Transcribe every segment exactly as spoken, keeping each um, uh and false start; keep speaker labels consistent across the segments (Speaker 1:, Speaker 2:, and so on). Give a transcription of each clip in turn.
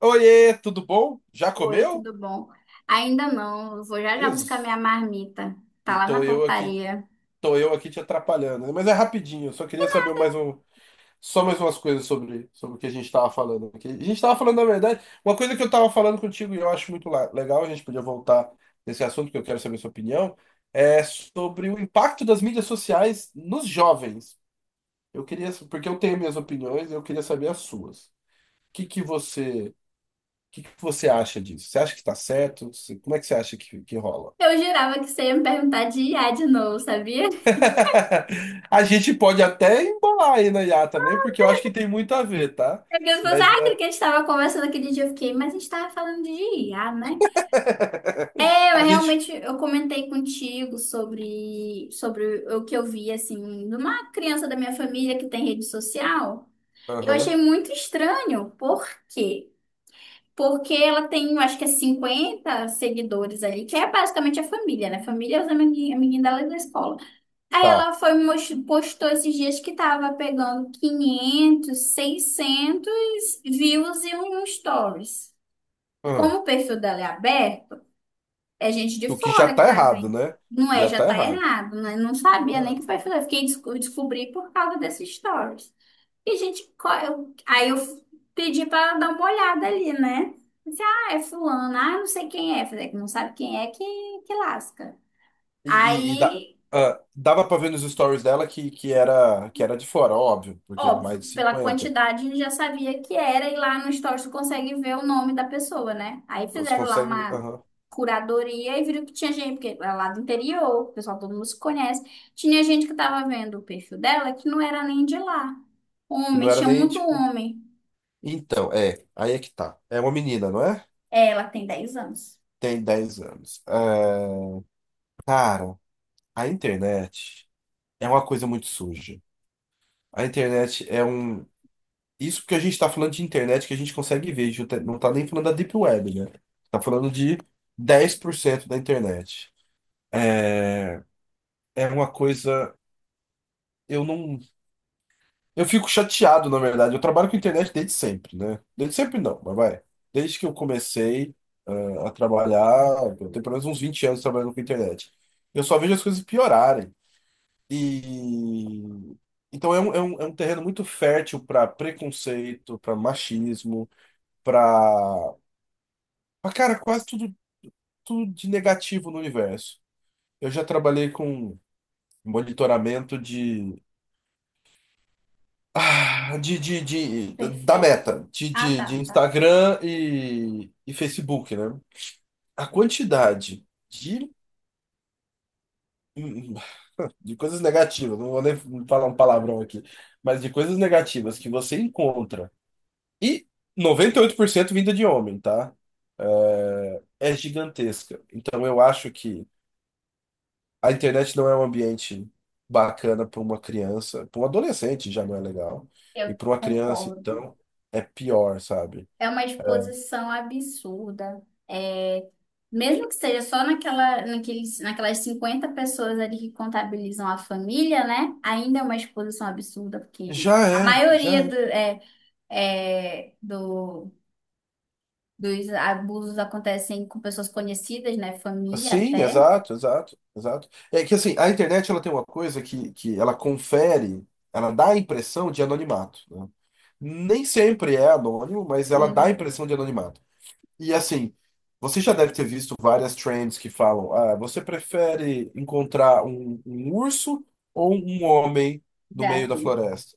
Speaker 1: Oiê, tudo bom? Já
Speaker 2: Oi,
Speaker 1: comeu?
Speaker 2: tudo bom? Ainda não, eu vou já já buscar
Speaker 1: Jesus.
Speaker 2: minha marmita. Tá
Speaker 1: E
Speaker 2: lá na
Speaker 1: tô eu aqui,
Speaker 2: portaria.
Speaker 1: tô eu aqui te atrapalhando, né? Mas é rapidinho, eu só queria saber mais um, só mais umas coisas sobre, sobre o que a gente tava falando aqui. A gente tava falando, na verdade, uma coisa que eu tava falando contigo e eu acho muito la- legal, a gente podia voltar nesse assunto que eu quero saber sua opinião, é sobre o impacto das mídias sociais nos jovens. Eu queria, porque eu tenho minhas opiniões, eu queria saber as suas. O que que você, o que que você acha disso? Você acha que tá certo? Você- Como é que você acha que, que rola?
Speaker 2: Eu jurava que você ia me perguntar de I A de novo, sabia?
Speaker 1: A gente pode até embolar aí na I A também, porque eu acho que tem muito a ver, tá?
Speaker 2: É que as pessoas,
Speaker 1: Mas
Speaker 2: ah, aquele
Speaker 1: é.
Speaker 2: que a gente estava conversando aquele dia, eu fiquei, mas a gente estava falando de I A, né? É, mas
Speaker 1: A gente.
Speaker 2: realmente eu comentei contigo sobre, sobre o que eu vi, assim, de uma criança da minha família que tem rede social. Eu achei
Speaker 1: Aham,
Speaker 2: muito estranho, porque Porque ela tem, eu acho que é cinquenta seguidores ali, que é basicamente a família, né? Família é os amigui- amiguinhos dela da escola. Aí
Speaker 1: tá.
Speaker 2: ela foi me mos- postou esses dias que tava pegando quinhentos, seiscentos views e um um stories. Como
Speaker 1: Aham.
Speaker 2: o perfil dela é aberto, é gente de
Speaker 1: O que já
Speaker 2: fora que
Speaker 1: tá
Speaker 2: tá
Speaker 1: errado,
Speaker 2: vendo.
Speaker 1: né?
Speaker 2: Não é,
Speaker 1: Já
Speaker 2: já
Speaker 1: tá
Speaker 2: tá
Speaker 1: errado,
Speaker 2: errado, né? Não
Speaker 1: tá
Speaker 2: sabia nem que
Speaker 1: errado.
Speaker 2: o perfil dela. Fiquei desco- descobri por causa desses stories. E, gente, qual é o- aí eu pedi pra dar uma olhada ali, né? Disse, ah, é fulano, ah, não sei quem é. Falei, que não sabe quem é, que, que lasca.
Speaker 1: E, e- e dá-
Speaker 2: Aí,
Speaker 1: ah, Dava pra ver nos stories dela que, que era, que era de fora, óbvio, porque
Speaker 2: óbvio,
Speaker 1: mais de
Speaker 2: pela
Speaker 1: cinquenta.
Speaker 2: quantidade já sabia que era, e lá no Stories tu consegue ver o nome da pessoa, né? Aí
Speaker 1: Você
Speaker 2: fizeram lá
Speaker 1: consegue.
Speaker 2: uma
Speaker 1: Aham.
Speaker 2: curadoria e viram que tinha gente, porque é lá do interior, o pessoal todo mundo se conhece. Tinha gente que tava vendo o perfil dela que não era nem de lá.
Speaker 1: Que
Speaker 2: Homem,
Speaker 1: não era
Speaker 2: tinha
Speaker 1: nem
Speaker 2: muito
Speaker 1: tipo.
Speaker 2: homem.
Speaker 1: Então, é. Aí é que tá. É uma menina, não é?
Speaker 2: É, ela tem dez anos.
Speaker 1: Tem dez anos. É, cara, a internet é uma coisa muito suja. A internet é um. Isso porque a gente está falando de internet que a gente consegue ver, a gente não tá não tá nem falando da Deep Web, né? Tá falando de dez por cento da internet. É, é uma coisa. Eu não. Eu fico chateado, na verdade. Eu trabalho com internet desde sempre, né? Desde sempre não, mas vai. Desde que eu comecei, ah, a trabalhar, eu tenho pelo menos uns vinte anos trabalhando com internet. Eu só vejo as coisas piorarem. E então é um, é um, é um terreno muito fértil para preconceito, para machismo, para cara, quase tudo, tudo de negativo no universo. Eu já trabalhei com monitoramento de, ah, de, de, de- da
Speaker 2: Perfeito.
Speaker 1: meta, de,
Speaker 2: Ah,
Speaker 1: de, de
Speaker 2: tá, tá.
Speaker 1: Instagram e, e Facebook, né? A quantidade de, de coisas negativas, não vou nem falar um palavrão aqui, mas de coisas negativas que você encontra, e noventa e oito por cento vinda de homem, tá? É, é gigantesca. Então eu acho que a internet não é um ambiente bacana para uma criança, para um adolescente já não é legal. E
Speaker 2: Eu
Speaker 1: para uma criança,
Speaker 2: concordo.
Speaker 1: então, é pior, sabe?
Speaker 2: É uma exposição absurda. É, mesmo que seja só naquela, naqueles, naquelas cinquenta pessoas ali que contabilizam a família, né? Ainda é uma exposição absurda, porque
Speaker 1: Já
Speaker 2: a
Speaker 1: é,
Speaker 2: maioria
Speaker 1: já é.
Speaker 2: do, é, é, do, dos abusos acontecem com pessoas conhecidas, né? Família
Speaker 1: Sim,
Speaker 2: até.
Speaker 1: exato, exato, exato. É que assim, a internet ela tem uma coisa que, que ela confere, ela dá a impressão de anonimato, né? Nem sempre é anônimo, mas ela dá a
Speaker 2: E
Speaker 1: impressão de anonimato. E assim, você já deve ter visto várias trends que falam: ah, você prefere encontrar um, um urso ou um homem no
Speaker 2: já
Speaker 1: meio da
Speaker 2: vi.
Speaker 1: floresta?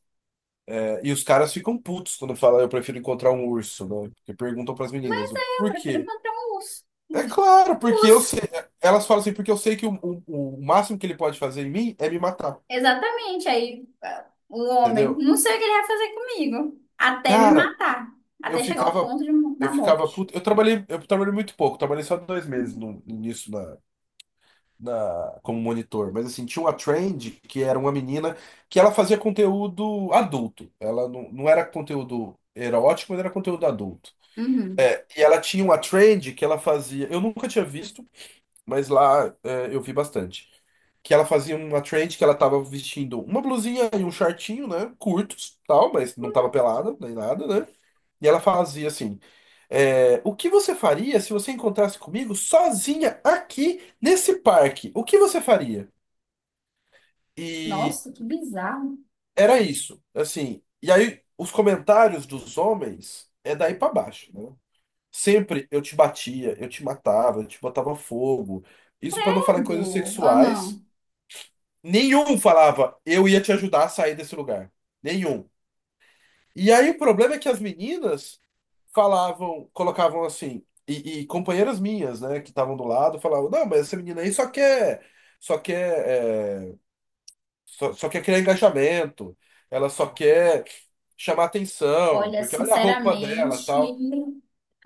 Speaker 1: É, e os caras ficam putos quando falam: eu prefiro encontrar um urso, né? Porque perguntam para as meninas:
Speaker 2: Mas aí eu
Speaker 1: por
Speaker 2: prefiro
Speaker 1: quê?
Speaker 2: matar um urso.
Speaker 1: É claro, porque eu sei. Elas falam assim: porque eu sei que o, o, o máximo que ele pode fazer em mim é me matar,
Speaker 2: Exatamente. Aí ah, o homem,
Speaker 1: entendeu?
Speaker 2: não sei o que ele vai fazer comigo. Até me
Speaker 1: Cara,
Speaker 2: matar.
Speaker 1: eu
Speaker 2: Até chegar ao
Speaker 1: ficava.
Speaker 2: ponto de,
Speaker 1: Eu
Speaker 2: da
Speaker 1: ficava
Speaker 2: morte.
Speaker 1: puto. Eu trabalhei, eu trabalhei muito pouco, trabalhei só dois meses no, nisso na- como monitor, mas assim, tinha uma trend que era uma menina que ela fazia conteúdo adulto. Ela não, não era conteúdo erótico, mas era conteúdo adulto.
Speaker 2: Uhum.
Speaker 1: E ela tinha uma trend que ela fazia. Eu nunca tinha visto, mas lá é, eu vi bastante. Que ela fazia uma trend que ela tava vestindo uma blusinha e um shortinho, né? Curtos, tal, mas não tava pelada nem nada, né? E ela fazia assim. É, o que você faria se você encontrasse comigo sozinha aqui nesse parque? O que você faria? E
Speaker 2: Nossa, que bizarro.
Speaker 1: era isso, assim. E aí, os comentários dos homens é daí pra baixo, né? Sempre eu te batia, eu te matava, eu te botava fogo. Isso pra não falar em coisas
Speaker 2: Credo.
Speaker 1: sexuais.
Speaker 2: Aham.
Speaker 1: Nenhum falava, eu ia te ajudar a sair desse lugar. Nenhum. E aí, o problema é que as meninas falavam, colocavam assim, e, e companheiras minhas, né, que estavam do lado, falavam, não, mas essa menina aí só quer, só quer. eh, Só, só quer criar engajamento, ela só quer chamar atenção,
Speaker 2: Olha,
Speaker 1: porque olha a roupa dela,
Speaker 2: sinceramente,
Speaker 1: tal.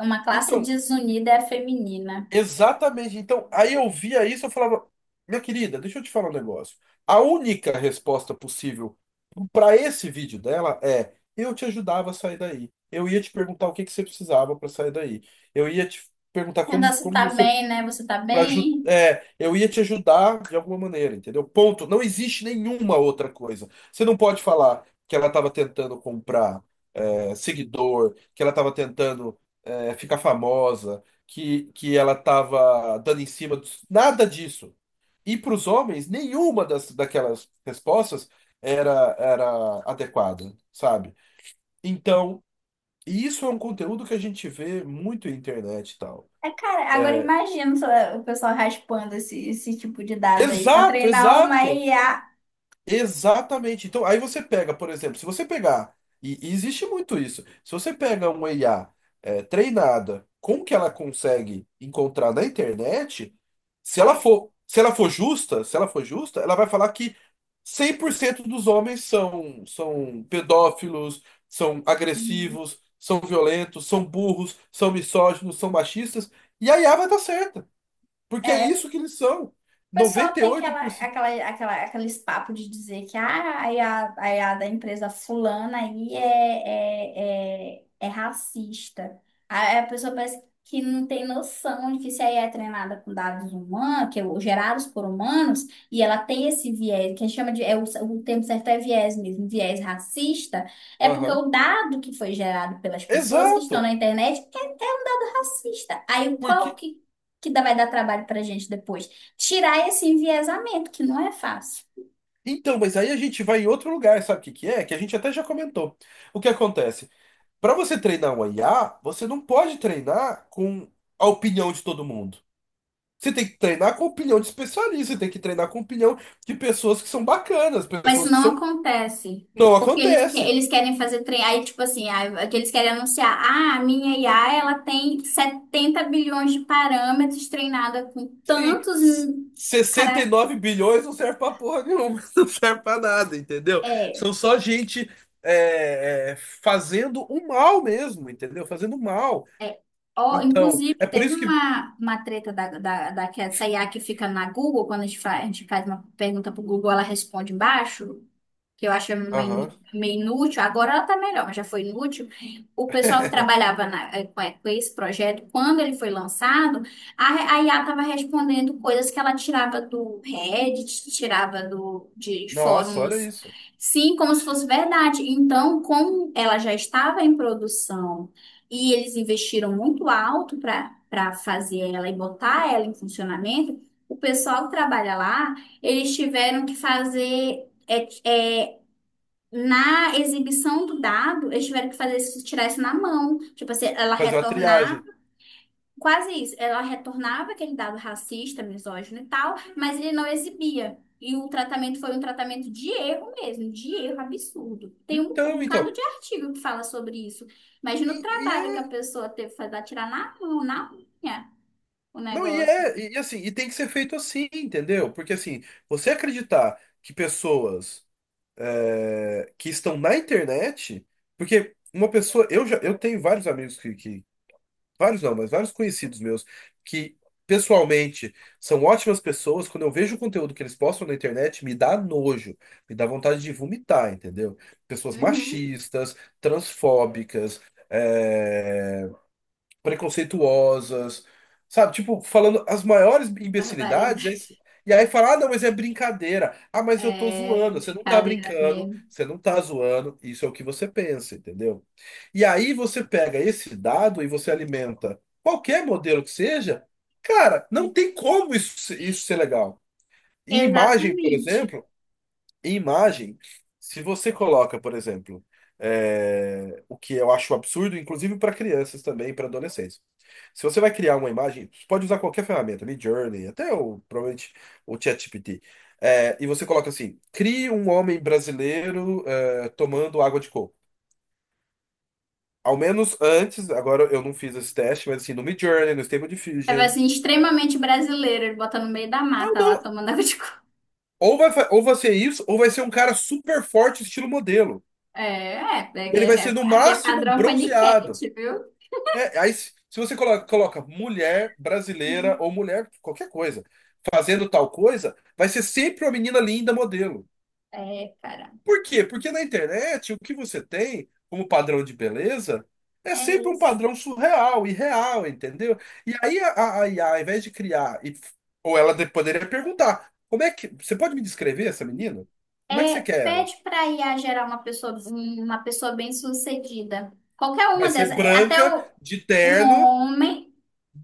Speaker 2: uma classe
Speaker 1: Então,
Speaker 2: desunida é a feminina.
Speaker 1: exatamente. Então, aí eu via isso, eu falava, minha querida, deixa eu te falar um negócio. A única resposta possível para esse vídeo dela é: eu te ajudava a sair daí. Eu ia te perguntar o que que você precisava para sair daí. Eu ia te perguntar
Speaker 2: Ainda
Speaker 1: como,
Speaker 2: você
Speaker 1: como
Speaker 2: tá
Speaker 1: você
Speaker 2: bem, né? Você tá
Speaker 1: Pra, aju-
Speaker 2: bem?
Speaker 1: é, eu ia te ajudar de alguma maneira, entendeu? Ponto. Não existe nenhuma outra coisa. Você não pode falar que ela estava tentando comprar é, seguidor, que ela estava tentando é, ficar famosa, que, que ela estava dando em cima dos... Nada disso. E para os homens, nenhuma das, daquelas respostas era, era adequada, sabe? Então, isso é um conteúdo que a gente vê muito na internet e tal.
Speaker 2: É, cara, agora imagina só o pessoal raspando esse, esse tipo de dado aí pra
Speaker 1: Exato,
Speaker 2: treinar uma
Speaker 1: exato.
Speaker 2: I A.
Speaker 1: Exatamente. Então, aí você pega, por exemplo, se você pegar, e, e existe muito isso, se você pega uma I A é, treinada com o que ela consegue encontrar na internet, se ela
Speaker 2: É.
Speaker 1: for, se ela for justa, se ela for justa, ela vai falar que cem por cento dos homens são, são pedófilos, são agressivos, são violentos, são burros, são misóginos, são machistas, e a I A vai estar certa, porque é
Speaker 2: É,
Speaker 1: isso que eles são.
Speaker 2: o pessoal tem aquela,
Speaker 1: noventa e oito por cento.
Speaker 2: aquela, aquela, aqueles papos de dizer que ah, aí a aí a da empresa fulana aí é, é, é, é racista. Aí a pessoa parece que não tem noção de que se aí é treinada com dados humanos, que é gerados por humanos, e ela tem esse viés, que a gente chama de, é o, o termo certo é viés mesmo, viés racista, é porque
Speaker 1: Aham.
Speaker 2: o dado que foi gerado pelas pessoas que estão na
Speaker 1: Exato.
Speaker 2: internet é, é um dado racista. Aí qual
Speaker 1: Porque.
Speaker 2: que, que dá- vai dar trabalho pra gente depois? Tirar esse enviesamento, que não é fácil.
Speaker 1: Então, mas aí a gente vai em outro lugar, sabe o que que é? Que a gente até já comentou. O que acontece? Para você treinar um I A, você não pode treinar com a opinião de todo mundo. Você tem que treinar com a opinião de especialista, você tem que treinar com a opinião de pessoas que são bacanas,
Speaker 2: Mas
Speaker 1: pessoas
Speaker 2: isso
Speaker 1: que
Speaker 2: não
Speaker 1: são.
Speaker 2: acontece.
Speaker 1: Não
Speaker 2: Porque eles, que-
Speaker 1: acontece.
Speaker 2: eles querem fazer treinar, aí, tipo assim, ah, que eles querem anunciar, ah, a minha I A, ela tem setenta bilhões de parâmetros treinada com
Speaker 1: Sim.
Speaker 2: tantos, hum,
Speaker 1: sessenta e
Speaker 2: cara,
Speaker 1: nove bilhões não serve pra porra nenhuma, não serve pra nada, entendeu?
Speaker 2: é,
Speaker 1: São só gente é, é, fazendo o mal mesmo, entendeu? Fazendo mal.
Speaker 2: é, ó,
Speaker 1: Então,
Speaker 2: inclusive,
Speaker 1: é por
Speaker 2: teve
Speaker 1: isso que.
Speaker 2: uma, uma treta da, da, da, que essa I A que fica na Google, quando a gente faz, a gente faz uma pergunta pro Google, ela responde embaixo, que eu acho
Speaker 1: Aham.
Speaker 2: meio meio inútil, agora ela tá melhor, mas já foi inútil. O pessoal que trabalhava na- eh, com eh, com esse projeto, quando ele foi lançado, a, a I A estava respondendo coisas que ela tirava do Reddit, tirava do, de
Speaker 1: Nossa, olha
Speaker 2: fóruns,
Speaker 1: isso.
Speaker 2: sim, como se fosse verdade. Então, como ela já estava em produção e eles investiram muito alto para para fazer ela e botar ela em funcionamento, o pessoal que trabalha lá, eles tiveram que fazer é, é, na exibição do dado, eles tiveram que fazer isso, tirar isso na mão. Tipo assim, ela
Speaker 1: Fazer uma
Speaker 2: retornava,
Speaker 1: triagem.
Speaker 2: quase isso, ela retornava aquele dado racista, misógino e tal, mas ele não exibia. E o tratamento foi um tratamento de erro mesmo, de erro absurdo. Tem um, um
Speaker 1: Então,
Speaker 2: bocado
Speaker 1: então.
Speaker 2: de artigo que fala sobre isso. Imagina
Speaker 1: E,
Speaker 2: o
Speaker 1: e
Speaker 2: trabalho que a
Speaker 1: é.
Speaker 2: pessoa teve que fazer, tirar na mão, na unha, o
Speaker 1: Não, e
Speaker 2: negócio.
Speaker 1: é. E assim, e tem que ser feito assim, entendeu? Porque assim, você acreditar que pessoas é, que estão na internet. Porque uma pessoa. Eu já eu tenho vários amigos que, que vários não, mas vários conhecidos meus que pessoalmente são ótimas pessoas, quando eu vejo o conteúdo que eles postam na internet, me dá nojo, me dá vontade de vomitar, entendeu? Pessoas
Speaker 2: Uhum.
Speaker 1: machistas, transfóbicas, eh, preconceituosas, sabe? Tipo, falando as maiores
Speaker 2: Barbaridade.
Speaker 1: imbecilidades, e aí e aí fala, ah, não, mas é brincadeira. Ah, mas eu tô
Speaker 2: É,
Speaker 1: zoando. Você não tá
Speaker 2: brincadeira
Speaker 1: brincando,
Speaker 2: mesmo.
Speaker 1: você não tá zoando. Isso é o que você pensa, entendeu? E aí você pega esse dado e você alimenta qualquer modelo que seja, cara, não tem como isso, isso ser legal. Em imagem, por
Speaker 2: Exatamente.
Speaker 1: exemplo. E imagem, se você coloca, por exemplo, é, o que eu acho absurdo, inclusive para crianças também, para adolescentes. Se você vai criar uma imagem, você pode usar qualquer ferramenta, Midjourney, até o, provavelmente o ChatGPT. É, e você coloca assim: crie um homem brasileiro é, tomando água de coco. Ao menos antes, agora eu não fiz esse teste, mas assim, no Midjourney, no Stable
Speaker 2: É, vai
Speaker 1: Diffusion.
Speaker 2: assim, extremamente brasileiro, ele bota no meio da
Speaker 1: Ah,
Speaker 2: mata lá,
Speaker 1: não.
Speaker 2: tomando água de coco.
Speaker 1: Ou vai, fa- ou vai ser isso, ou vai ser um cara super forte, estilo modelo.
Speaker 2: É, é, é,
Speaker 1: Ele vai
Speaker 2: é,
Speaker 1: ser
Speaker 2: é,
Speaker 1: no
Speaker 2: aqui é
Speaker 1: máximo
Speaker 2: padrão
Speaker 1: bronzeado.
Speaker 2: paniquete, viu?
Speaker 1: É, aí, se se você colo- coloca, mulher brasileira
Speaker 2: Uhum.
Speaker 1: ou mulher, qualquer coisa, fazendo tal coisa, vai ser sempre uma menina linda modelo.
Speaker 2: É, cara,
Speaker 1: Por quê? Porque na internet o que você tem como padrão de beleza é
Speaker 2: é
Speaker 1: sempre um
Speaker 2: isso.
Speaker 1: padrão surreal, irreal, entendeu? E aí a, a, a I A, ao invés de criar, e- ou ela de- poderia perguntar: como é que. Você pode me descrever essa menina? Como é que
Speaker 2: É,
Speaker 1: você quer ela?
Speaker 2: pede pra I a gerar uma pessoa, uma pessoa bem-sucedida. Qualquer
Speaker 1: Vai
Speaker 2: uma dessas,
Speaker 1: ser
Speaker 2: é, até
Speaker 1: branca,
Speaker 2: o,
Speaker 1: de
Speaker 2: um
Speaker 1: terno,
Speaker 2: homem,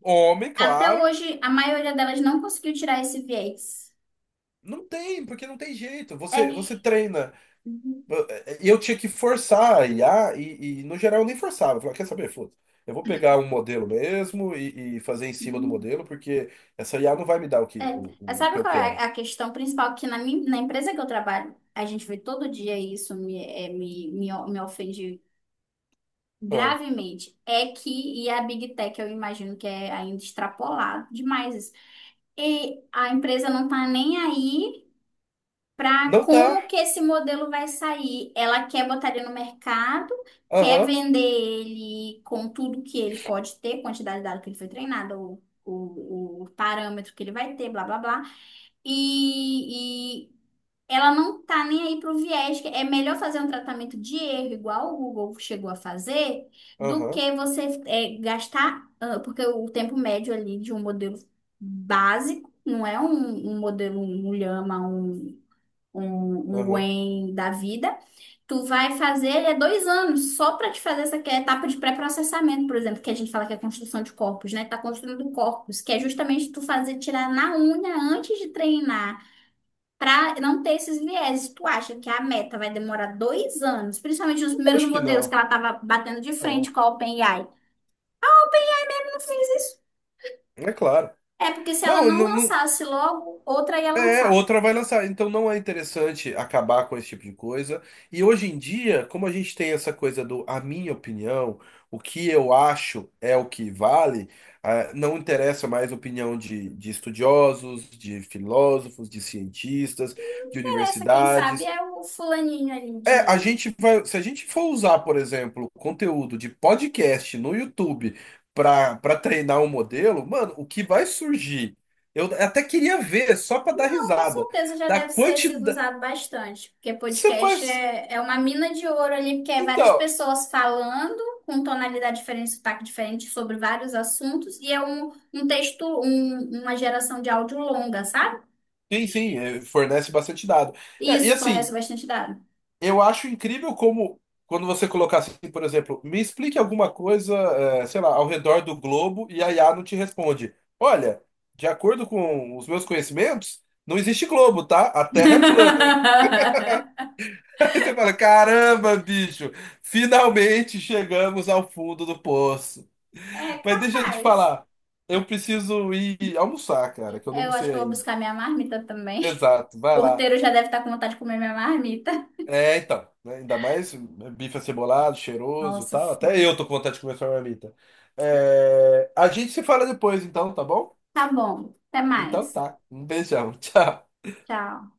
Speaker 1: homem,
Speaker 2: até
Speaker 1: claro.
Speaker 2: hoje, a maioria delas não conseguiu tirar esse viés.
Speaker 1: Não tem, porque não tem jeito. Você, você
Speaker 2: É.
Speaker 1: treina. E eu tinha que forçar a I A, e, e no geral eu nem forçava. Eu falava, quer saber, foda. Eu vou pegar um modelo mesmo e, e fazer em cima do modelo, porque essa I A não vai me dar o
Speaker 2: É,
Speaker 1: que, o,
Speaker 2: é,
Speaker 1: o que
Speaker 2: sabe
Speaker 1: eu
Speaker 2: qual é
Speaker 1: quero.
Speaker 2: a questão principal? Que na, minha- na empresa que eu trabalho, a gente vê todo dia isso, me, é, me, me, o- me ofende
Speaker 1: Ah,
Speaker 2: gravemente. É que, e a Big Tech, eu imagino que é ainda extrapolado demais isso. E a empresa não tá nem aí para
Speaker 1: não
Speaker 2: como
Speaker 1: tá.
Speaker 2: que esse modelo vai sair. Ela quer botar ele no mercado, quer
Speaker 1: Aham,
Speaker 2: vender ele com tudo que ele pode ter, quantidade de dado que ele foi treinado, o, o, o parâmetro que ele vai ter, blá, blá, blá. E, e ela não tá nem aí pro viés. Que é melhor fazer um tratamento de erro, igual o Google chegou a fazer, do
Speaker 1: aham,
Speaker 2: que você é, gastar, ah, porque o tempo médio ali de um modelo básico, não é um, um modelo, um Llama, um, um, um
Speaker 1: aham.
Speaker 2: Gwen da vida. Tu vai fazer, ele é dois anos, só para te fazer essa que é a etapa de pré-processamento, por exemplo, que a gente fala que é construção de corpos, né? Tá construindo corpos, que é justamente tu fazer tirar na unha antes de treinar para não ter esses vieses, tu acha que a Meta vai demorar dois anos, principalmente nos primeiros
Speaker 1: Acho que
Speaker 2: modelos que
Speaker 1: não.
Speaker 2: ela estava batendo de frente com a OpenAI? Ela não fez isso.
Speaker 1: É claro.
Speaker 2: É porque se ela
Speaker 1: Não,
Speaker 2: não
Speaker 1: não, não,
Speaker 2: lançasse logo, outra ia
Speaker 1: é,
Speaker 2: lançar.
Speaker 1: outra vai lançar. Então não é interessante acabar com esse tipo de coisa. E hoje em dia, como a gente tem essa coisa do a minha opinião, o que eu acho é o que vale, ah, não interessa mais a opinião de, de estudiosos, de filósofos, de cientistas, de
Speaker 2: Essa, quem sabe,
Speaker 1: universidades.
Speaker 2: é o fulaninho ali
Speaker 1: É, a
Speaker 2: de.
Speaker 1: gente vai, se a gente for usar, por exemplo, conteúdo de podcast no YouTube para para treinar um modelo, mano, o que vai surgir? Eu até queria ver, só para dar
Speaker 2: Não, com
Speaker 1: risada,
Speaker 2: certeza já
Speaker 1: da
Speaker 2: deve ser sido
Speaker 1: quantidade.
Speaker 2: usado bastante, porque
Speaker 1: Você
Speaker 2: podcast
Speaker 1: faz.
Speaker 2: é, é uma mina de ouro ali, porque é várias
Speaker 1: Então,
Speaker 2: pessoas falando com tonalidade diferente, sotaque diferente sobre vários assuntos, e é um, um texto, um- uma geração de áudio longa, sabe?
Speaker 1: enfim, fornece bastante dado. É, e
Speaker 2: Isso fornece
Speaker 1: assim,
Speaker 2: bastante dado.
Speaker 1: eu acho incrível como, quando você colocar assim, por exemplo, me explique alguma coisa, eh, sei lá, ao redor do globo e a I A não te responde. Olha, de acordo com os meus conhecimentos, não existe globo, tá? A Terra é plana. Aí você fala, caramba, bicho, finalmente chegamos ao fundo do poço.
Speaker 2: É
Speaker 1: Mas deixa eu te
Speaker 2: capaz.
Speaker 1: falar, eu preciso ir almoçar, cara, que eu não
Speaker 2: Eu acho
Speaker 1: almocei
Speaker 2: que eu vou
Speaker 1: ainda.
Speaker 2: buscar minha marmita também.
Speaker 1: Exato,
Speaker 2: O
Speaker 1: vai lá.
Speaker 2: porteiro já deve estar com vontade de comer minha marmita.
Speaker 1: É, então, né? Ainda mais né, bife acebolado, cheiroso e
Speaker 2: Nossa,
Speaker 1: tal. Até
Speaker 2: sim.
Speaker 1: eu tô com vontade de comer essa marmita. É, a gente se fala depois, então, tá bom?
Speaker 2: Tá bom. Até
Speaker 1: Então
Speaker 2: mais.
Speaker 1: tá. Um beijão. Tchau.
Speaker 2: Tchau.